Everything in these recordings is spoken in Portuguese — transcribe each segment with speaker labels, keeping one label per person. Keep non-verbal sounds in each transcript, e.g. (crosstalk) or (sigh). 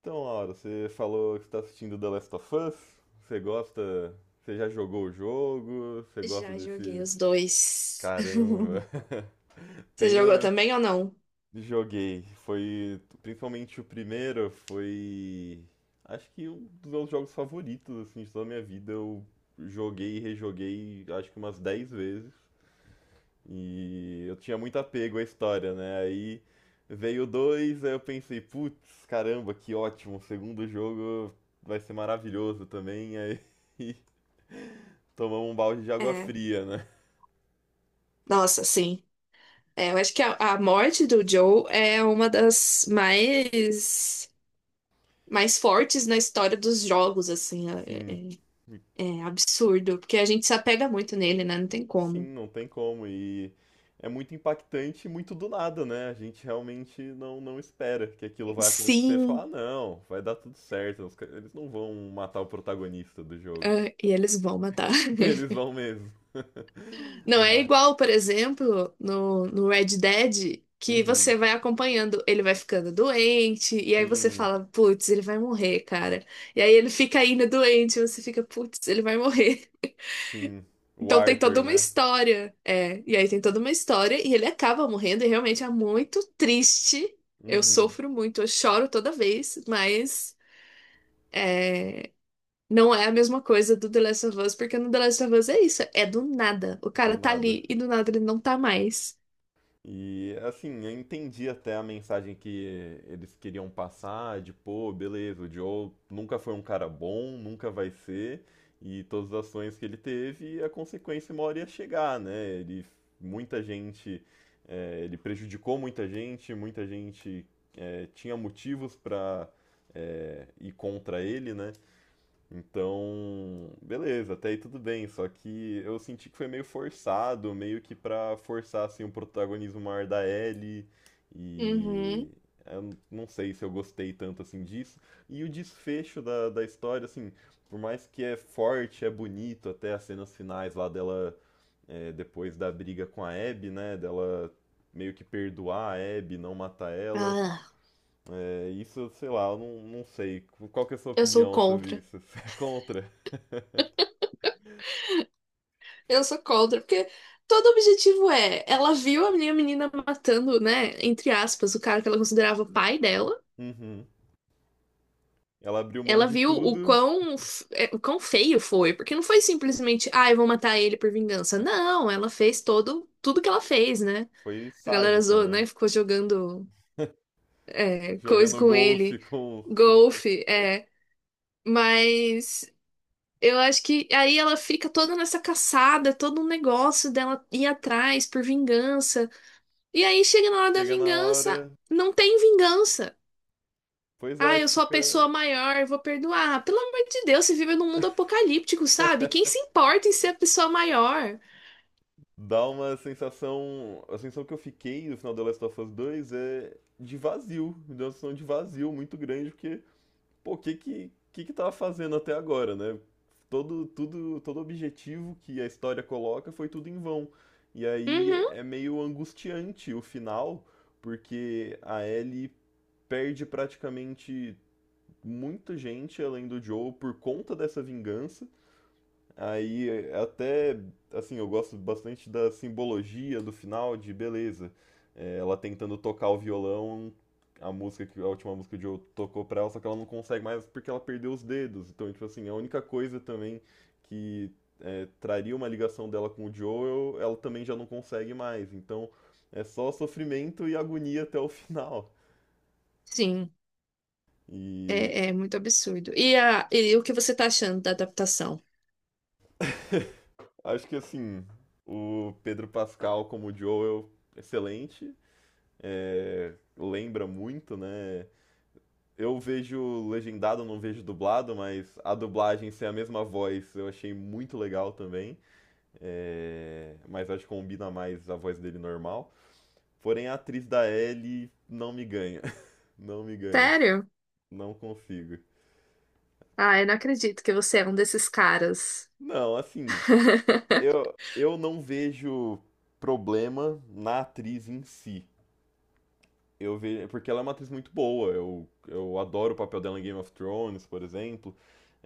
Speaker 1: Então, Laura, você falou que está assistindo The Last of Us. Você gosta? Você já jogou o jogo? Você gosta
Speaker 2: Já joguei
Speaker 1: desse?
Speaker 2: os dois.
Speaker 1: Caramba!
Speaker 2: (laughs)
Speaker 1: (laughs)
Speaker 2: Você jogou
Speaker 1: Tenho,
Speaker 2: também ou não?
Speaker 1: joguei. Foi principalmente o primeiro. Foi acho que um dos meus jogos favoritos assim de toda a minha vida. Eu joguei e rejoguei acho que umas 10 vezes. E eu tinha muito apego à história, né? Aí veio o dois, aí eu pensei, putz, caramba, que ótimo, o segundo jogo vai ser maravilhoso também. Aí (laughs) tomamos um balde de água
Speaker 2: É.
Speaker 1: fria, né?
Speaker 2: Nossa, sim. É, eu acho que a morte do Joe é uma das mais fortes na história dos jogos, assim.
Speaker 1: Sim,
Speaker 2: É absurdo, porque a gente se apega muito nele, né? Não tem
Speaker 1: sim,
Speaker 2: como.
Speaker 1: não tem como. E é muito impactante e muito do nada, né? A gente realmente não espera que aquilo vai acontecer. Falar,
Speaker 2: Sim,
Speaker 1: não, vai dar tudo certo. Eles não vão matar o protagonista do jogo.
Speaker 2: ah, e eles vão matar.
Speaker 1: (laughs)
Speaker 2: (laughs)
Speaker 1: Eles vão mesmo. (laughs)
Speaker 2: Não é
Speaker 1: Mas,
Speaker 2: igual, por exemplo, no Red Dead, que
Speaker 1: uhum.
Speaker 2: você vai acompanhando, ele vai ficando doente, e aí você
Speaker 1: Sim,
Speaker 2: fala, putz, ele vai morrer, cara. E aí ele fica ainda doente, e você fica, putz, ele vai morrer. (laughs)
Speaker 1: sim. O
Speaker 2: Então tem toda
Speaker 1: Arthur,
Speaker 2: uma
Speaker 1: né?
Speaker 2: história. É, e aí tem toda uma história, e ele acaba morrendo, e realmente é muito triste. Eu
Speaker 1: Uhum,
Speaker 2: sofro muito, eu choro toda vez, mas não é a mesma coisa do The Last of Us, porque no The Last of Us é isso, é do nada. O
Speaker 1: do
Speaker 2: cara tá
Speaker 1: nada.
Speaker 2: ali e do nada ele não tá mais.
Speaker 1: E assim, eu entendi até a mensagem que eles queriam passar, de pô, beleza, o Joe nunca foi um cara bom, nunca vai ser, e todas as ações que ele teve, a consequência uma hora ia chegar, né? Ele, muita gente, é, ele prejudicou muita gente é, tinha motivos pra ir contra ele, né? Então, beleza, até aí tudo bem, só que eu senti que foi meio forçado, meio que pra forçar assim o protagonismo maior da Ellie e
Speaker 2: Uhum.
Speaker 1: não sei se eu gostei tanto assim disso. E o desfecho da história, assim, por mais que é forte, é bonito, até as cenas finais lá dela, é, depois da briga com a Abby, né, dela meio que perdoar a Abby, não matar ela,
Speaker 2: Ah,
Speaker 1: é, isso, sei lá, eu não sei. Qual que é a sua
Speaker 2: eu sou
Speaker 1: opinião sobre
Speaker 2: contra.
Speaker 1: isso? (laughs) Você é contra?
Speaker 2: Eu sou contra, porque todo objetivo é, ela viu a minha menina matando, né, entre aspas, o cara que ela considerava o pai dela.
Speaker 1: Uhum. Ela abriu mão
Speaker 2: Ela
Speaker 1: de
Speaker 2: viu o
Speaker 1: tudo,
Speaker 2: quão, é, o quão feio foi, porque não foi simplesmente, ah, eu vou matar ele por vingança. Não, ela fez todo, tudo que ela fez, né?
Speaker 1: foi
Speaker 2: A galera
Speaker 1: sádico,
Speaker 2: zoou,
Speaker 1: né?
Speaker 2: né? Ficou jogando
Speaker 1: (laughs)
Speaker 2: é, coisa
Speaker 1: Jogando
Speaker 2: com
Speaker 1: golfe
Speaker 2: ele,
Speaker 1: com a-
Speaker 2: golfe, é. Mas eu acho que aí ela fica toda nessa caçada, todo um negócio dela ir atrás por vingança. E aí chega na hora da
Speaker 1: Chega na
Speaker 2: vingança,
Speaker 1: hora.
Speaker 2: não tem vingança.
Speaker 1: Pois
Speaker 2: Ah,
Speaker 1: é,
Speaker 2: eu sou a
Speaker 1: fica.
Speaker 2: pessoa maior, eu vou perdoar. Pelo amor de Deus, você vive num mundo apocalíptico, sabe? Quem se importa em ser a pessoa maior?
Speaker 1: Dá uma sensação. A sensação que eu fiquei no final do Last of Us 2 é de vazio. Me deu uma sensação de vazio muito grande, porque, pô, o que que tava fazendo até agora, né? Todo, tudo, todo objetivo que a história coloca foi tudo em vão. E aí
Speaker 2: Uhum.
Speaker 1: é meio angustiante o final, porque a Ellie perde praticamente muita gente além do Joe por conta dessa vingança. Aí é, até assim, eu gosto bastante da simbologia do final de beleza. É, ela tentando tocar o violão, a última música que o Joe tocou pra ela, só que ela não consegue mais porque ela perdeu os dedos. Então, tipo assim, a única coisa também que é, traria uma ligação dela com o Joe, ela também já não consegue mais. Então, é só sofrimento e agonia até o (laughs) final.
Speaker 2: Sim.
Speaker 1: E
Speaker 2: É, é muito absurdo. E o que você tá achando da adaptação?
Speaker 1: acho que assim, o Pedro Pascal como Joel, excelente. É, lembra muito, né? Eu vejo legendado, não vejo dublado, mas a dublagem ser a mesma voz eu achei muito legal também. É, mas acho que combina mais a voz dele normal. Porém, a atriz da Ellie não me ganha. (laughs) Não me ganha.
Speaker 2: Sério?
Speaker 1: Não consigo.
Speaker 2: Ah, eu não acredito que você é um desses caras.
Speaker 1: Não, assim,
Speaker 2: (laughs)
Speaker 1: eu não vejo problema na atriz em si. Eu vejo. Porque ela é uma atriz muito boa. Eu adoro o papel dela em Game of Thrones, por exemplo.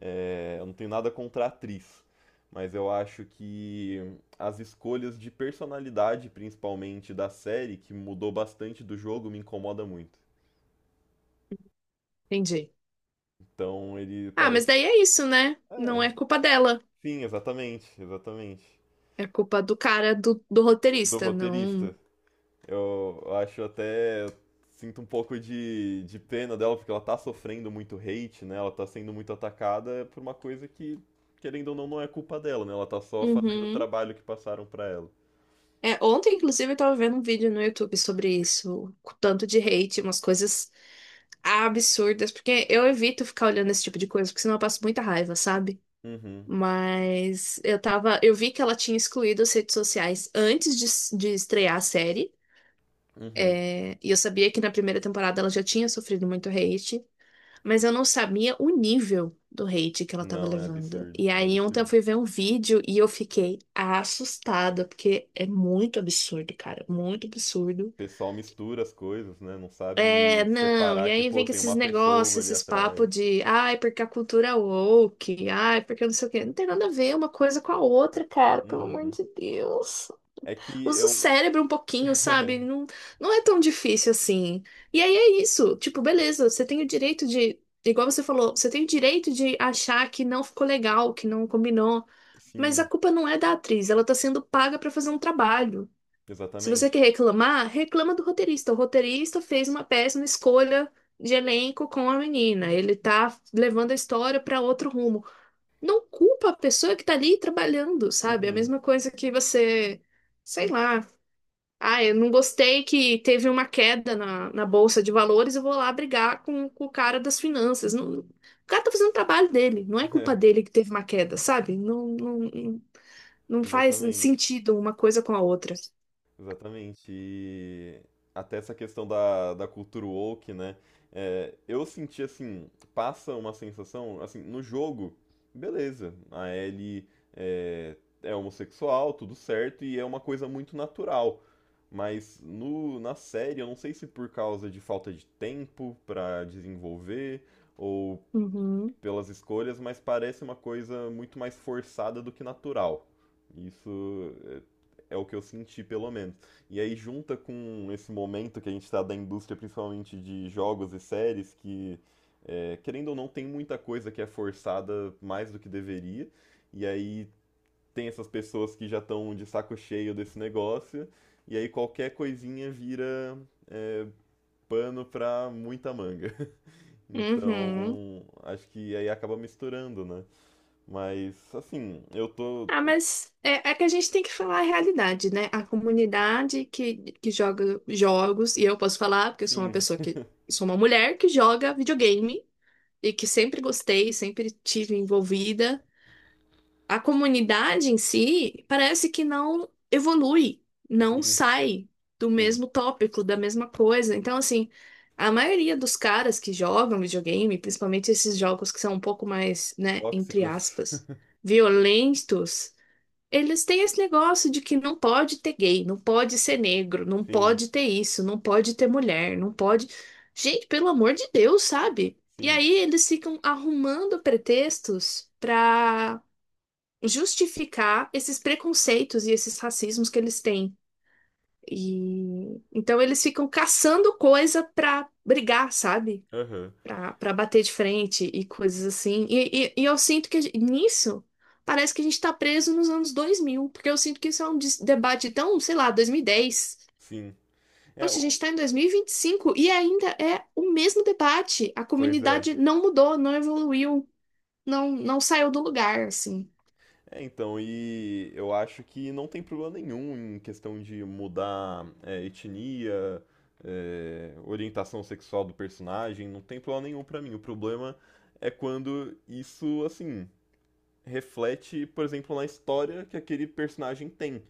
Speaker 1: É, eu não tenho nada contra a atriz. Mas eu acho que as escolhas de personalidade, principalmente da série, que mudou bastante do jogo, me incomoda muito.
Speaker 2: Entendi.
Speaker 1: Então ele
Speaker 2: Ah, mas
Speaker 1: parece.
Speaker 2: daí é isso, né?
Speaker 1: É,
Speaker 2: Não é culpa dela.
Speaker 1: sim, exatamente, exatamente.
Speaker 2: É culpa do cara, do
Speaker 1: Do
Speaker 2: roteirista,
Speaker 1: roteirista.
Speaker 2: não.
Speaker 1: Eu acho até. Eu sinto um pouco de pena dela, porque ela tá sofrendo muito hate, né? Ela tá sendo muito atacada é por uma coisa que, querendo ou não, não é culpa dela, né? Ela tá só fazendo o
Speaker 2: Uhum.
Speaker 1: trabalho que passaram pra ela.
Speaker 2: É, ontem, inclusive, eu tava vendo um vídeo no YouTube sobre isso, com tanto de hate, umas coisas absurdas, porque eu evito ficar olhando esse tipo de coisa, porque senão eu passo muita raiva, sabe?
Speaker 1: Uhum,
Speaker 2: Mas eu tava, eu vi que ela tinha excluído as redes sociais antes de estrear a série.
Speaker 1: uhum.
Speaker 2: É, e eu sabia que na primeira temporada ela já tinha sofrido muito hate, mas eu não sabia o nível do hate que ela tava
Speaker 1: Não, é
Speaker 2: levando.
Speaker 1: absurdo,
Speaker 2: E
Speaker 1: é
Speaker 2: aí ontem eu
Speaker 1: absurdo.
Speaker 2: fui ver um vídeo e eu fiquei assustada, porque é muito absurdo, cara, muito absurdo.
Speaker 1: O pessoal mistura as coisas, né? Não
Speaker 2: É,
Speaker 1: sabe
Speaker 2: não,
Speaker 1: separar
Speaker 2: e
Speaker 1: que,
Speaker 2: aí
Speaker 1: pô,
Speaker 2: vem com
Speaker 1: tem
Speaker 2: esses
Speaker 1: uma
Speaker 2: negócios,
Speaker 1: pessoa ali
Speaker 2: esses papos
Speaker 1: atrás.
Speaker 2: de, ai, porque a cultura é woke, ai, porque não sei o quê. Não tem nada a ver uma coisa com a outra, cara, pelo amor
Speaker 1: Uhum.
Speaker 2: de Deus.
Speaker 1: É que
Speaker 2: Usa o
Speaker 1: eu.
Speaker 2: cérebro um pouquinho, sabe?
Speaker 1: (laughs)
Speaker 2: Não, não é tão difícil assim. E aí é isso. Tipo, beleza, você tem o direito de. Igual você falou, você tem o direito de achar que não ficou legal, que não combinou. Mas a
Speaker 1: Sim,
Speaker 2: culpa não é da atriz, ela tá sendo paga pra fazer um trabalho. Se você
Speaker 1: exatamente.
Speaker 2: quer reclamar, reclama do roteirista. O roteirista fez uma péssima escolha de elenco com a menina. Ele tá levando a história pra outro rumo. Não culpa a pessoa que tá ali trabalhando, sabe? É a
Speaker 1: Uhum.
Speaker 2: mesma coisa que você. Sei lá. Ah, eu não gostei que teve uma queda na bolsa de valores, eu vou lá brigar com o cara das finanças. O cara tá fazendo o trabalho dele, não é culpa
Speaker 1: (laughs) É,
Speaker 2: dele que teve uma queda, sabe? Não, não, não faz
Speaker 1: exatamente.
Speaker 2: sentido uma coisa com a outra.
Speaker 1: Exatamente. E até essa questão da cultura woke, né? É, eu senti assim, passa uma sensação, assim, no jogo, beleza, a Ellie é, é homossexual, tudo certo, e é uma coisa muito natural. Mas na série, eu não sei se por causa de falta de tempo pra desenvolver, ou
Speaker 2: Uhum,
Speaker 1: pelas escolhas, mas parece uma coisa muito mais forçada do que natural. Isso é, é o que eu senti, pelo menos. E aí junta com esse momento que a gente está da indústria, principalmente de jogos e séries, que é, querendo ou não tem muita coisa que é forçada mais do que deveria. E aí tem essas pessoas que já estão de saco cheio desse negócio. E aí qualquer coisinha vira é, pano para muita manga.
Speaker 2: uhum.
Speaker 1: Então, acho que aí acaba misturando, né? Mas, assim,
Speaker 2: Ah, mas é, é que a gente tem que falar a realidade, né? A comunidade que joga jogos, e eu posso falar, porque eu sou uma
Speaker 1: sim,
Speaker 2: pessoa que sou uma mulher que joga videogame e que sempre gostei, sempre tive envolvida. A comunidade em si parece que não evolui, não
Speaker 1: sim,
Speaker 2: sai do
Speaker 1: sim.
Speaker 2: mesmo tópico, da mesma coisa. Então, assim, a maioria dos caras que jogam videogame, principalmente esses jogos que são um pouco mais, né, entre
Speaker 1: Tóxicos.
Speaker 2: aspas,
Speaker 1: (laughs)
Speaker 2: violentos, eles têm esse negócio de que não pode ter gay, não pode ser negro, não
Speaker 1: Sim,
Speaker 2: pode ter isso, não pode ter mulher, não pode. Gente, pelo amor de Deus, sabe? E
Speaker 1: sim.
Speaker 2: aí eles ficam arrumando pretextos pra justificar esses preconceitos e esses racismos que eles têm. E então eles ficam caçando coisa pra brigar, sabe?
Speaker 1: Aham,
Speaker 2: Pra bater de frente e coisas assim. E eu sinto que a nisso parece que a gente tá preso nos anos 2000 porque eu sinto que isso é um debate tão, sei lá, dois mil e dez.
Speaker 1: sim. É, o-
Speaker 2: Poxa, a gente tá em 2025 e vinte e cinco e ainda é o mesmo debate. A
Speaker 1: pois é.
Speaker 2: comunidade não mudou, não evoluiu, não saiu do lugar, assim.
Speaker 1: É, então, e eu acho que não tem problema nenhum em questão de mudar é, etnia, é, orientação sexual do personagem, não tem problema nenhum pra mim. O problema é quando isso, assim. Reflete, por exemplo, na história que aquele personagem tem.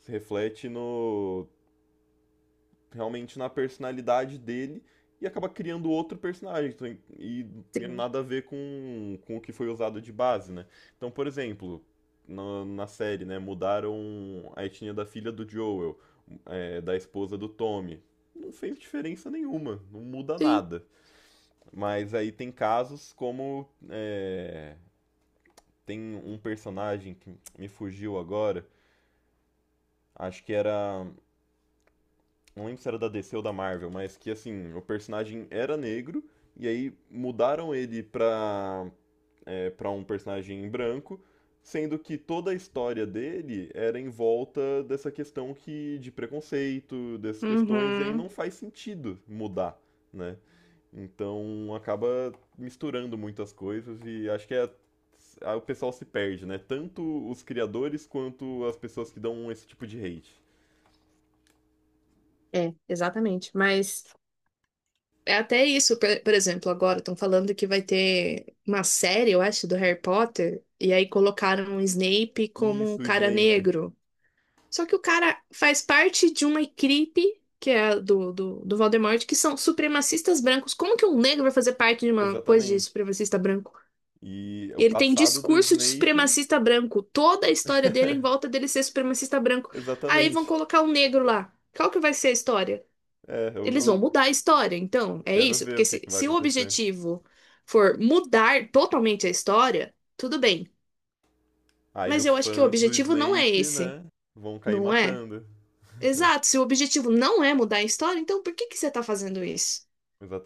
Speaker 1: Se reflete no realmente na personalidade dele e acaba criando outro personagem. Então, e e
Speaker 2: Sim.
Speaker 1: nada a ver com o que foi usado de base, né? Então, por exemplo, na série, né, mudaram a etnia da filha do Joel, é, da esposa do Tommy. Não fez diferença nenhuma, não muda
Speaker 2: Sim.
Speaker 1: nada. Mas aí tem casos como. É, tem um personagem que me fugiu agora, acho que era. Não lembro se era da DC ou da Marvel, mas que assim, o personagem era negro, e aí mudaram ele pra, é, pra um personagem branco, sendo que toda a história dele era em volta dessa questão que, de preconceito, dessas questões, e aí
Speaker 2: Uhum.
Speaker 1: não faz sentido mudar, né? Então acaba misturando muitas coisas e acho que é o pessoal se perde, né? Tanto os criadores quanto as pessoas que dão esse tipo de hate.
Speaker 2: É, exatamente. Mas é até isso, por exemplo, agora estão falando que vai ter uma série, eu acho, do Harry Potter, e aí colocaram o Snape como um
Speaker 1: Isso, o
Speaker 2: cara
Speaker 1: Snape.
Speaker 2: negro. Só que o cara faz parte de uma equipe, que é a do Voldemort, que são supremacistas brancos. Como que um negro vai fazer parte de uma coisa de
Speaker 1: Exatamente.
Speaker 2: supremacista branco?
Speaker 1: E o
Speaker 2: E ele tem
Speaker 1: passado do
Speaker 2: discurso de
Speaker 1: Snape.
Speaker 2: supremacista branco. Toda a história dele é em volta
Speaker 1: (laughs)
Speaker 2: dele ser supremacista branco. Aí vão
Speaker 1: Exatamente.
Speaker 2: colocar um negro lá. Qual que vai ser a história?
Speaker 1: É, eu,
Speaker 2: Eles vão
Speaker 1: eu
Speaker 2: mudar a história, então, é
Speaker 1: quero
Speaker 2: isso?
Speaker 1: ver
Speaker 2: Porque
Speaker 1: o que
Speaker 2: se,
Speaker 1: que vai
Speaker 2: se o
Speaker 1: acontecer.
Speaker 2: objetivo for mudar totalmente a história, tudo bem.
Speaker 1: Aí
Speaker 2: Mas
Speaker 1: os
Speaker 2: eu acho que o
Speaker 1: fãs do
Speaker 2: objetivo não é
Speaker 1: Snape,
Speaker 2: esse,
Speaker 1: né, vão cair
Speaker 2: não é?
Speaker 1: matando. (laughs)
Speaker 2: Exato, se o objetivo não é mudar a história, então por que que você tá fazendo isso?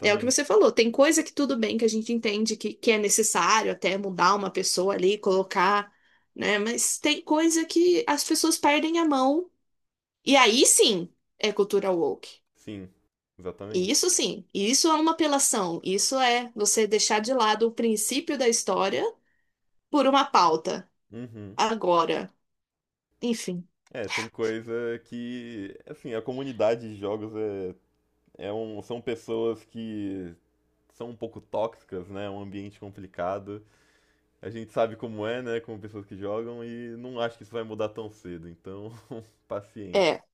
Speaker 2: É o que você falou, tem coisa que tudo bem que a gente entende que é necessário até mudar uma pessoa ali, colocar, né? Mas tem coisa que as pessoas perdem a mão. E aí sim é cultura woke.
Speaker 1: Sim,
Speaker 2: E
Speaker 1: exatamente.
Speaker 2: isso sim, isso é uma apelação. Isso é você deixar de lado o princípio da história por uma pauta.
Speaker 1: Uhum.
Speaker 2: Agora, enfim,
Speaker 1: É, tem coisa que, assim, a comunidade de jogos é, é um, são pessoas que são um pouco tóxicas, né? É um ambiente complicado. A gente sabe como é, né? Como pessoas que jogam, e não acho que isso vai mudar tão cedo, então, (laughs) paciência.
Speaker 2: é.